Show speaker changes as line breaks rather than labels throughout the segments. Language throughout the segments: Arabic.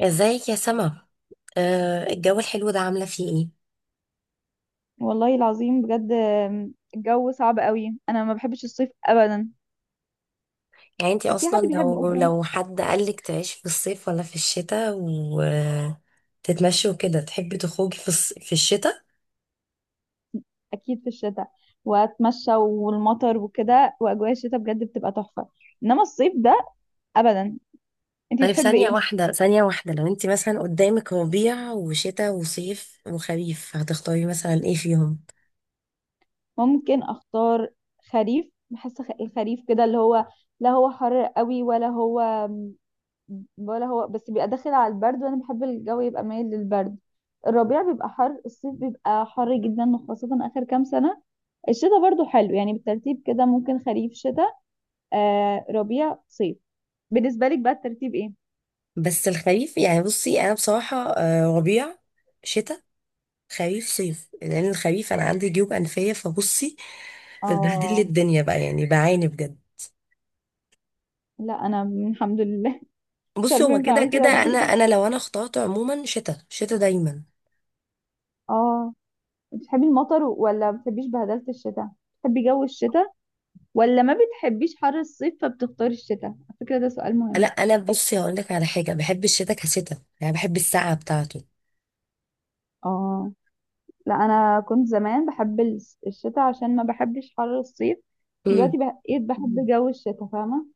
ازيك يا سما؟ آه، الجو الحلو ده عاملة فيه ايه؟
والله العظيم بجد، الجو صعب قوي، انا ما بحبش الصيف ابدا.
يعني انتي
وفي
اصلا
حد بيحبه
لو
اصلا؟
لو حد قالك تعيش في الصيف ولا في الشتاء وتتمشي وكده، تحبي تخرجي في في الشتاء؟
اكيد في الشتاء، واتمشى والمطر وكده، واجواء الشتاء بجد بتبقى تحفة. انما الصيف ده، ابدا. انت
طيب،
بتحبي ايه؟
ثانية واحدة، لو انتي مثلا قدامك ربيع وشتاء وصيف وخريف، هتختاري مثلا ايه فيهم؟
ممكن اختار خريف. بحس الخريف كده اللي هو، لا هو حر قوي ولا هو، ولا هو، بس بيبقى داخل على البرد، وانا بحب الجو يبقى مايل للبرد. الربيع بيبقى حر، الصيف بيبقى حر جدا وخاصة اخر كام سنة. الشتاء برضو حلو. يعني بالترتيب كده ممكن خريف، شتاء، آه ربيع، صيف. بالنسبة لك بقى الترتيب ايه؟
بس الخريف يعني، بصي انا بصراحة آه، ربيع، شتاء، خريف، صيف، لان الخريف انا عندي جيوب انفية، فبصي بتبهدل لي
اه
الدنيا بقى، يعني بعاني بجد.
لا، انا الحمد لله. مش
بصي
عارفة
هو
ينفع
كده
اقول كده
كده
ولا
انا،
لأ.
لو انا اخترت عموما شتاء، دايما.
اه، بتحبي المطر ولا ما بتحبيش بهدلة الشتاء؟ بتحبي جو الشتاء ولا ما بتحبيش حر الصيف فبتختاري الشتاء؟ على فكرة ده سؤال
لا،
مهم.
انا بصي هقول لك على حاجه، بحب الشتاء كشتاء، يعني بحب السقعه بتاعته.
اه لا، انا كنت زمان بحب الشتاء عشان ما بحبش حر الصيف.
امم.
دلوقتي بقيت بحب جو الشتاء، فاهمه؟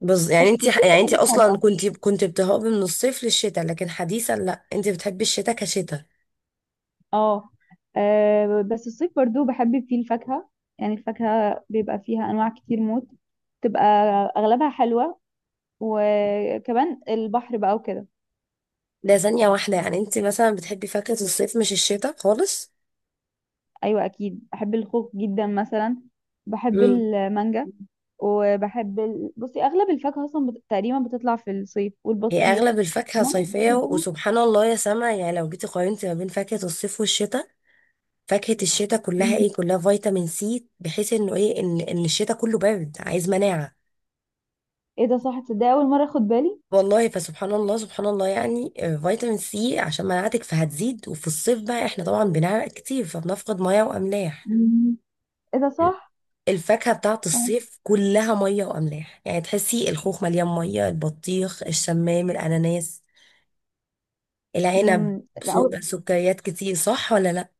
بص
بس
يعني انت،
الصيف في
يعني انت
حاجات
اصلا
حلوه.
كنت بتهربي من الصيف للشتاء، لكن حديثا لا، انت بتحبي الشتاء كشتاء.
اه، آه، بس الصيف برضو بحب فيه الفاكهه. يعني الفاكهه بيبقى فيها انواع كتير موت، تبقى اغلبها حلوه، وكمان البحر بقى وكده.
ده ثانيه واحده، يعني انت مثلا بتحبي فاكهه الصيف مش الشتاء خالص.
ايوه، اكيد بحب الخوخ جدا مثلا، بحب
امم.
المانجا. وبحب بصي اغلب الفاكهه اصلا تقريبا بتطلع في الصيف
هي
والبطيخ.
اغلب الفاكهه
انما
صيفيه، وسبحان الله يا سما، يعني لو جيتي قارنتي ما بين فاكهه الصيف والشتاء، فاكهة الشتاء كلها
الشتاء،
ايه؟ كلها فيتامين سي، بحيث انه ايه، ان الشتاء كله برد، عايز مناعة.
ايه ده، صح، تصدق اول مره اخد بالي.
والله فسبحان الله، سبحان الله، يعني آه، فيتامين سي عشان مناعتك فهتزيد. وفي الصيف بقى احنا طبعا بنعرق كتير، فبنفقد مية واملاح.
مم. ايه ده صح.
الفاكهة بتاعت الصيف كلها مية واملاح، يعني تحسي الخوخ مليان مية، البطيخ، الشمام، الاناناس، العنب،
امم. اول
سكريات كتير، صح ولا لا؟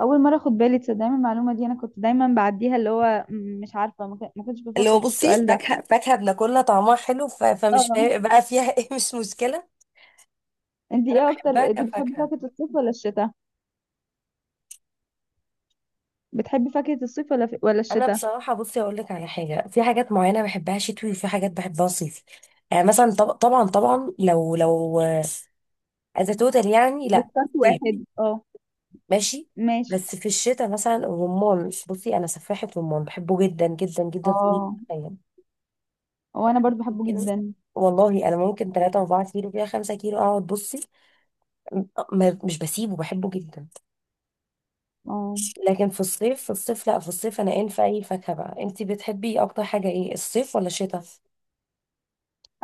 اول مره اخد بالي، تصدق، من المعلومه دي انا كنت دايما بعديها اللي هو مش عارفه، ما كنتش
اللي هو
بفكر في
بصي،
السؤال ده.
فاكهة بناكلها طعمها حلو،
اه.
فمش فارق بقى فيها. ايه، مش مشكلة.
انت
انا
ايه اكتر،
بحبها
انت بتحبي
كفاكهه.
فاكهه الصيف ولا الشتاء؟ بتحبي فاكهه الصيف ولا ولا
انا
الشتاء؟
بصراحه بصي اقول لك على حاجه، في حاجات معينه بحبها شتوي، وفي حاجات بحبها صيفي. يعني مثلا طبعا، لو از توتال يعني،
لو
لا،
اخترت
صيف.
واحد اه،
ماشي.
ماشي.
بس في الشتاء مثلا الرمان، بصي انا سفاحه رمان، بحبه جدا جدا جدا في أي
اه،
أيام.
وانا برضو بحبه
يمكن،
جدا.
والله انا ممكن 3 4 كيلو، فيها 5 كيلو اقعد بصي، م- مش بسيبه، بحبه جدا.
اه،
لكن في الصيف، لا، في الصيف انا ان، في اي فاكهه بقى انتي بتحبي اكتر حاجه، ايه، الصيف ولا الشتاء؟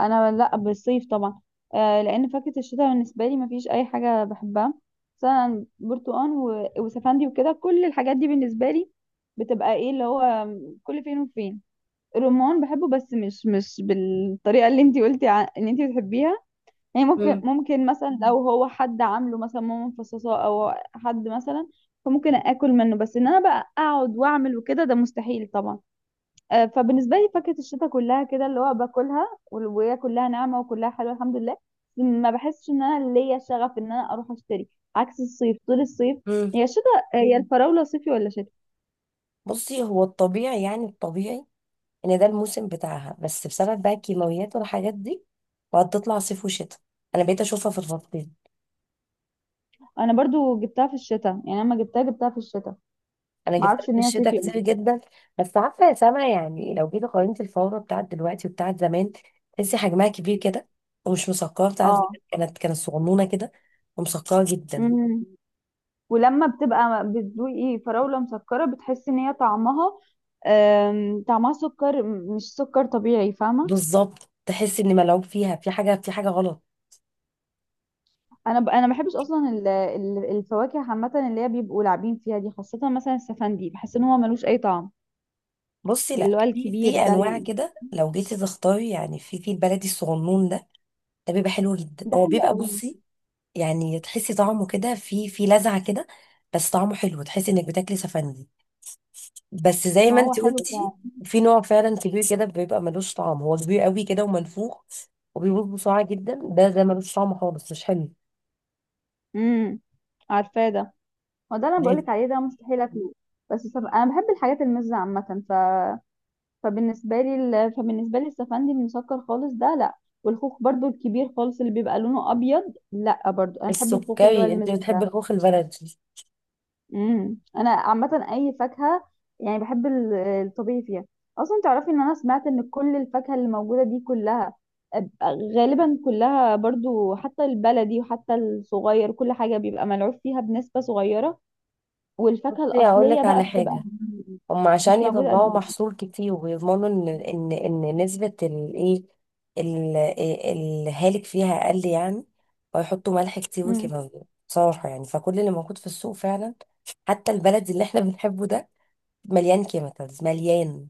انا لا، بالصيف طبعا. آه، لان فاكهه الشتاء بالنسبه لي ما فيش اي حاجه بحبها. مثلا برتقان وسفندي وكده، كل الحاجات دي بالنسبه لي بتبقى ايه اللي هو كل فين وفين. الرمان بحبه بس مش بالطريقه اللي انتي قلتي ان انتي بتحبيها. يعني ممكن
مم.
ممكن مثلا لو هو حد عامله، مثلا ماما مفصصاه، او حد مثلا، فممكن اكل منه. بس ان انا بقى اقعد واعمل وكده ده مستحيل طبعا. فبالنسبه لي فاكهه الشتاء كلها كده اللي هو باكلها وهي كلها ناعمه وكلها حلوه الحمد لله. ما بحسش ان انا ليا شغف ان انا اروح اشتري، عكس الصيف. طول الصيف
مم.
هي الشتاء. هي الفراوله صيفي ولا شتاء؟
بصي هو الطبيعي، ان ده الموسم بتاعها، بس بسبب بقى الكيماويات والحاجات دي وهتطلع صيف وشتاء، انا بقيت اشوفها في الفصلين.
انا برضو جبتها في الشتاء، يعني لما جبتها في الشتاء.
انا
ما
جبت لها
اعرفش
في
ان هي
الشتاء
صيفي أوي.
كتير جدا. بس عارفه يا سما، يعني لو جيت قارنت الفوره بتاعت دلوقتي وبتاعت زمان، تحسي حجمها كبير كده، ومش مسكره. بتاعت
اه.
زمان كانت صغنونه كده ومسكره جدا.
امم. ولما بتبقى بتذوقي فراوله مسكره بتحسي ان هي طعمها، طعمها سكر مش سكر طبيعي، فاهمه؟
بالظبط، تحسي ان ملعوب فيها، في حاجه غلط.
انا ما بحبش اصلا الفواكه عامه اللي هي بيبقوا لاعبين فيها دي، خاصه مثلا السفندي بحس ان هو ملوش اي طعم.
بصي لا،
اللي هو
في
الكبير ده
انواع كده، لو جيتي تختاري يعني، في البلدي الصغنون ده، ده بيبقى حلو جدا،
ده
هو
حلو
بيبقى
قوي.
بصي، يعني تحسي طعمه كده، في لذعه كده، بس طعمه حلو، تحسي انك بتاكلي سفندي. بس زي
ما
ما
هو
انت
حلو
قلتي،
فعلا.
في نوع فعلا كبير كده بيبقى ملوش طعم، هو كبير قوي كده ومنفوخ، وبيبوظ بسرعه جدا. ده ملوش طعم خالص، مش حلو.
امم، عارفاه ده. هو ده اللي انا
طيب،
بقولك عليه، ده مستحيل اكله. بس انا بحب الحاجات المزه عامه فبالنسبه لي فبالنسبه لي السفندي المسكر خالص ده لا. والخوخ برضو الكبير خالص اللي بيبقى لونه ابيض لا، برضو انا بحب الخوخ اللي هو
السكري، انت
المزز
بتحبي
ده.
الخوخ البلدي؟
امم. انا عامه اي فاكهه يعني بحب الطبيعي فيها. اصلا تعرفي ان انا سمعت ان كل الفاكهه اللي موجوده دي كلها أب- غالبا كلها برضو حتى البلدي وحتى الصغير، كل حاجه بيبقى ملعوب فيها بنسبه صغيره. والفاكهه
بصي هقول
الاصليه
لك
بقى
على
بتبقى
حاجه، هم عشان
مش موجوده قد
يطلعوا
كده.
محصول كتير ويضمنوا ان، ان نسبة الايه، ال- الهالك فيها اقل يعني، ويحطوا ملح كتير
امم.
وكيماوي. بصراحة يعني، فكل اللي موجود في السوق فعلا، حتى البلد اللي احنا بنحبه ده، مليان كيميكالز، مليان.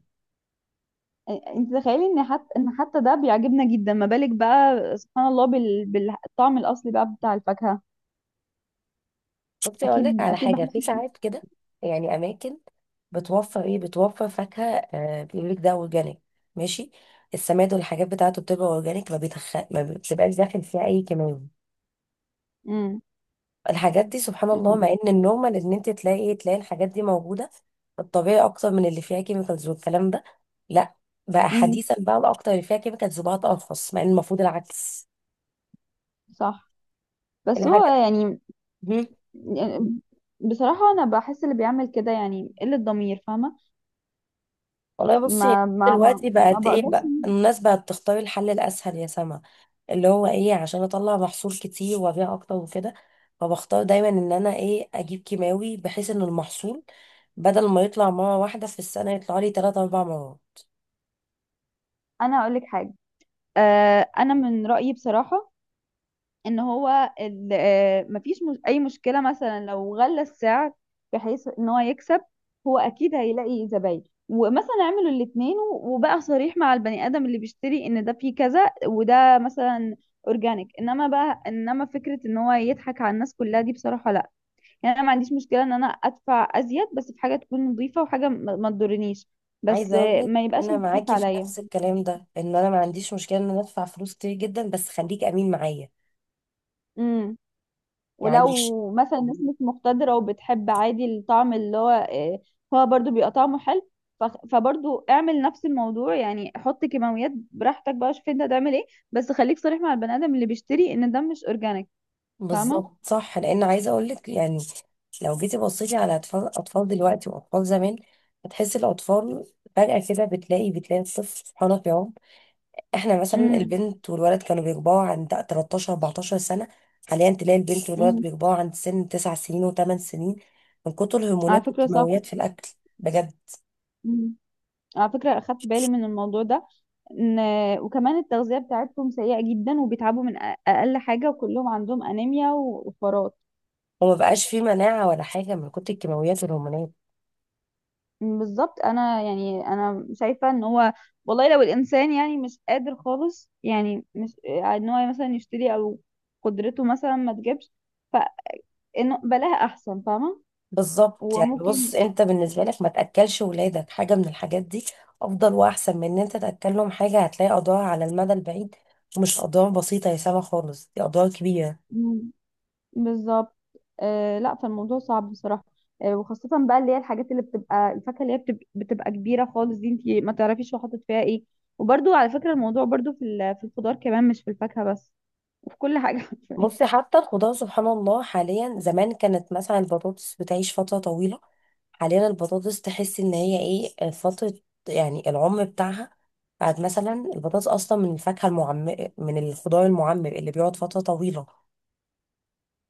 انت تخيلي ان حتى ده بيعجبنا جدا، ما بالك بقى سبحان الله بالطعم الاصلي بقى بتاع الفاكهه.
شفتي، اقول
اكيد
لك على
اكيد
حاجة،
بحس.
في ساعات كده، يعني اماكن بتوفر ايه، بتوفر فاكهة. آه، بيقول لك ده اورجانيك، ماشي. السماد والحاجات بتاعته بتبقى اورجانيك، ما بتبقاش داخل فيها اي كيماوي.
امم.
الحاجات دي سبحان الله، مع ان النورمال ان انت تلاقي إيه، تلاقي الحاجات دي موجوده في الطبيعي اكتر من اللي فيها كيميكالز والكلام ده. لا، بقى
امم.
حديثا بقى الاكتر اللي فيها كيميكالز بقى ارخص، مع ان المفروض العكس.
صح. بس هو
الحاجات.
يعني،
مم.
يعني بصراحة أنا بحس اللي بيعمل كده يعني قلة ضمير، فاهمة؟
والله بصي،
ما،
دلوقتي
ما
بقت ايه
بقدرش
بقى، الناس بقت تختار الحل الاسهل يا سما، اللي هو ايه، عشان اطلع محصول كتير وابيع اكتر وكده، فبختار دايما ان انا ايه، اجيب كيماوي بحيث ان المحصول بدل ما يطلع مره واحده في السنه يطلع لي ثلاث اربع مرات.
أنا أقولك حاجة. آه، أنا من رأيي بصراحة إن هو مفيش، مش أي مشكلة مثلا لو غلى السعر بحيث إن هو يكسب، هو أكيد هيلاقي زباين. ومثلا اعملوا الاتنين، وبقى صريح مع البني آدم اللي بيشتري إن ده فيه كذا وده مثلا أورجانيك. إنما فكرة إن هو يضحك على الناس كلها دي بصراحة. يعني انا ما عنديش مشكله ان انا ادفع ازيد، بس في حاجه تكون نظيفه وحاجه ما تضرنيش. بس
عايزه اقول لك،
ما يبقاش
انا
مصروف
معاكي في
عليا.
نفس الكلام ده، ان انا ما عنديش مشكله ان انا ادفع فلوس كتير جدا، بس خليك امين معايا
امم.
يعني.
ولو مثلا الناس مش مقتدره وبتحب عادي الطعم اللي هو هو برضو بيبقى طعمه حلو. فبرضو اعمل نفس الموضوع، يعني حط كيماويات براحتك بقى، شوف انت هتعمل ايه. بس خليك صريح مع البني ادم اللي بيشتري ان ده مش اورجانيك، فاهمه؟
بالظبط صح، لان عايزه اقول لك يعني، لو جيتي بصيتي على اطفال دلوقتي واطفال زمان، هتحسي الاطفال فجاه كده بتلاقي الطفل سبحانه في يوم، احنا مثلا
امم.
البنت والولد كانوا بيكبروا عند 13 14 سنه، حاليا تلاقي البنت والولد
امم.
بيكبروا عند سن 9 سنين و8 سنين، من كتر
على
الهرمونات
فكره صح.
والكيماويات في الاكل، بجد.
امم. على فكره اخدت بالي من الموضوع ده. وكمان التغذية بتاعتهم سيئة جدا وبيتعبوا من أقل حاجة، وكلهم عندهم أنيميا وفرات.
وما بقاش فيه مناعة ولا حاجة من كتر الكيماويات والهرمونات.
بالظبط. أنا يعني أنا شايفة إن هو، والله لو الإنسان يعني مش قادر خالص، يعني مش إن هو مثلا يشتري، أو قدرته مثلا ما تجيبش، فإنه بلاها أحسن، فاهمة؟
بالظبط، يعني
وممكن،
بص انت بالنسبة لك ما تأكلش ولادك حاجة من الحاجات دي، افضل واحسن من ان انت تأكلهم حاجة هتلاقي اضرار على المدى البعيد، ومش اضرار بسيطة يا سما خالص، دي اضرار كبيرة.
بالظبط. آه لا، فالموضوع صعب بصراحة. آه، وخاصة بقى اللي هي الحاجات اللي بتبقى الفاكهة اللي هي بتبقى كبيرة خالص، دي انتي ما تعرفيش هو حاطط فيها ايه. وبرضو على فكرة الموضوع برضو في الخضار كمان، مش في الفاكهة بس، وفي كل حاجة حرفيا.
بصي حتى الخضار سبحان الله، حاليا زمان كانت مثلا البطاطس بتعيش فترة طويلة، حاليا البطاطس تحس ان هي ايه، فترة يعني العمر بتاعها، بعد مثلا البطاطس اصلا من الفاكهة المعمر، من الخضار المعمر اللي بيقعد فترة طويلة،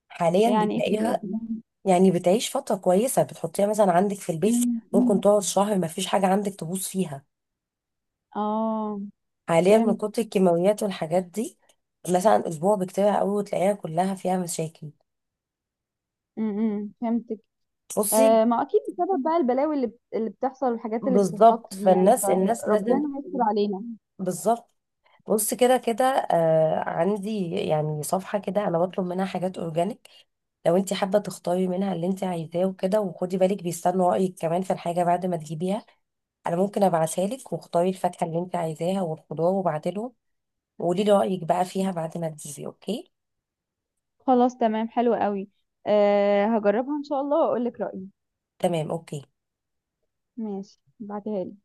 حاليا
يعني ايه في،
بتلاقيها يعني بتعيش فترة كويسة، بتحطيها مثلا عندك في البيت،
مم،
ممكن
مم.
تقعد شهر ما فيش حاجة عندك تبوظ فيها.
اه،
حاليا من
فهمت.
كتر الكيماويات والحاجات دي مثلا أسبوع بكتيرها قوي، وتلاقيها كلها فيها مشاكل.
امم، فهمتك.
بصي
آه ما، اكيد بسبب بقى البلاوي اللي بتحصل والحاجات اللي بتتحط
بالظبط،
دي، يعني
فالناس لازم،
فربنا يستر علينا.
بالظبط، بص كده كده آه، عندي يعني صفحة كده أنا بطلب منها حاجات أورجانيك، لو أنت حابة تختاري منها اللي أنت عايزاه وكده، وخدي بالك بيستنوا رأيك كمان في الحاجة بعد ما تجيبيها. انا ممكن ابعتها لك واختاري الفاكهه اللي انت عايزاها والخضار، وبعدله وقولي لي رايك بقى فيها بعد ما تجيبي، اوكي؟
خلاص تمام، حلو قوي. آه، هجربها ان شاء الله واقول لك رأيي.
تمام، اوكي.
ماشي، بعتها لي.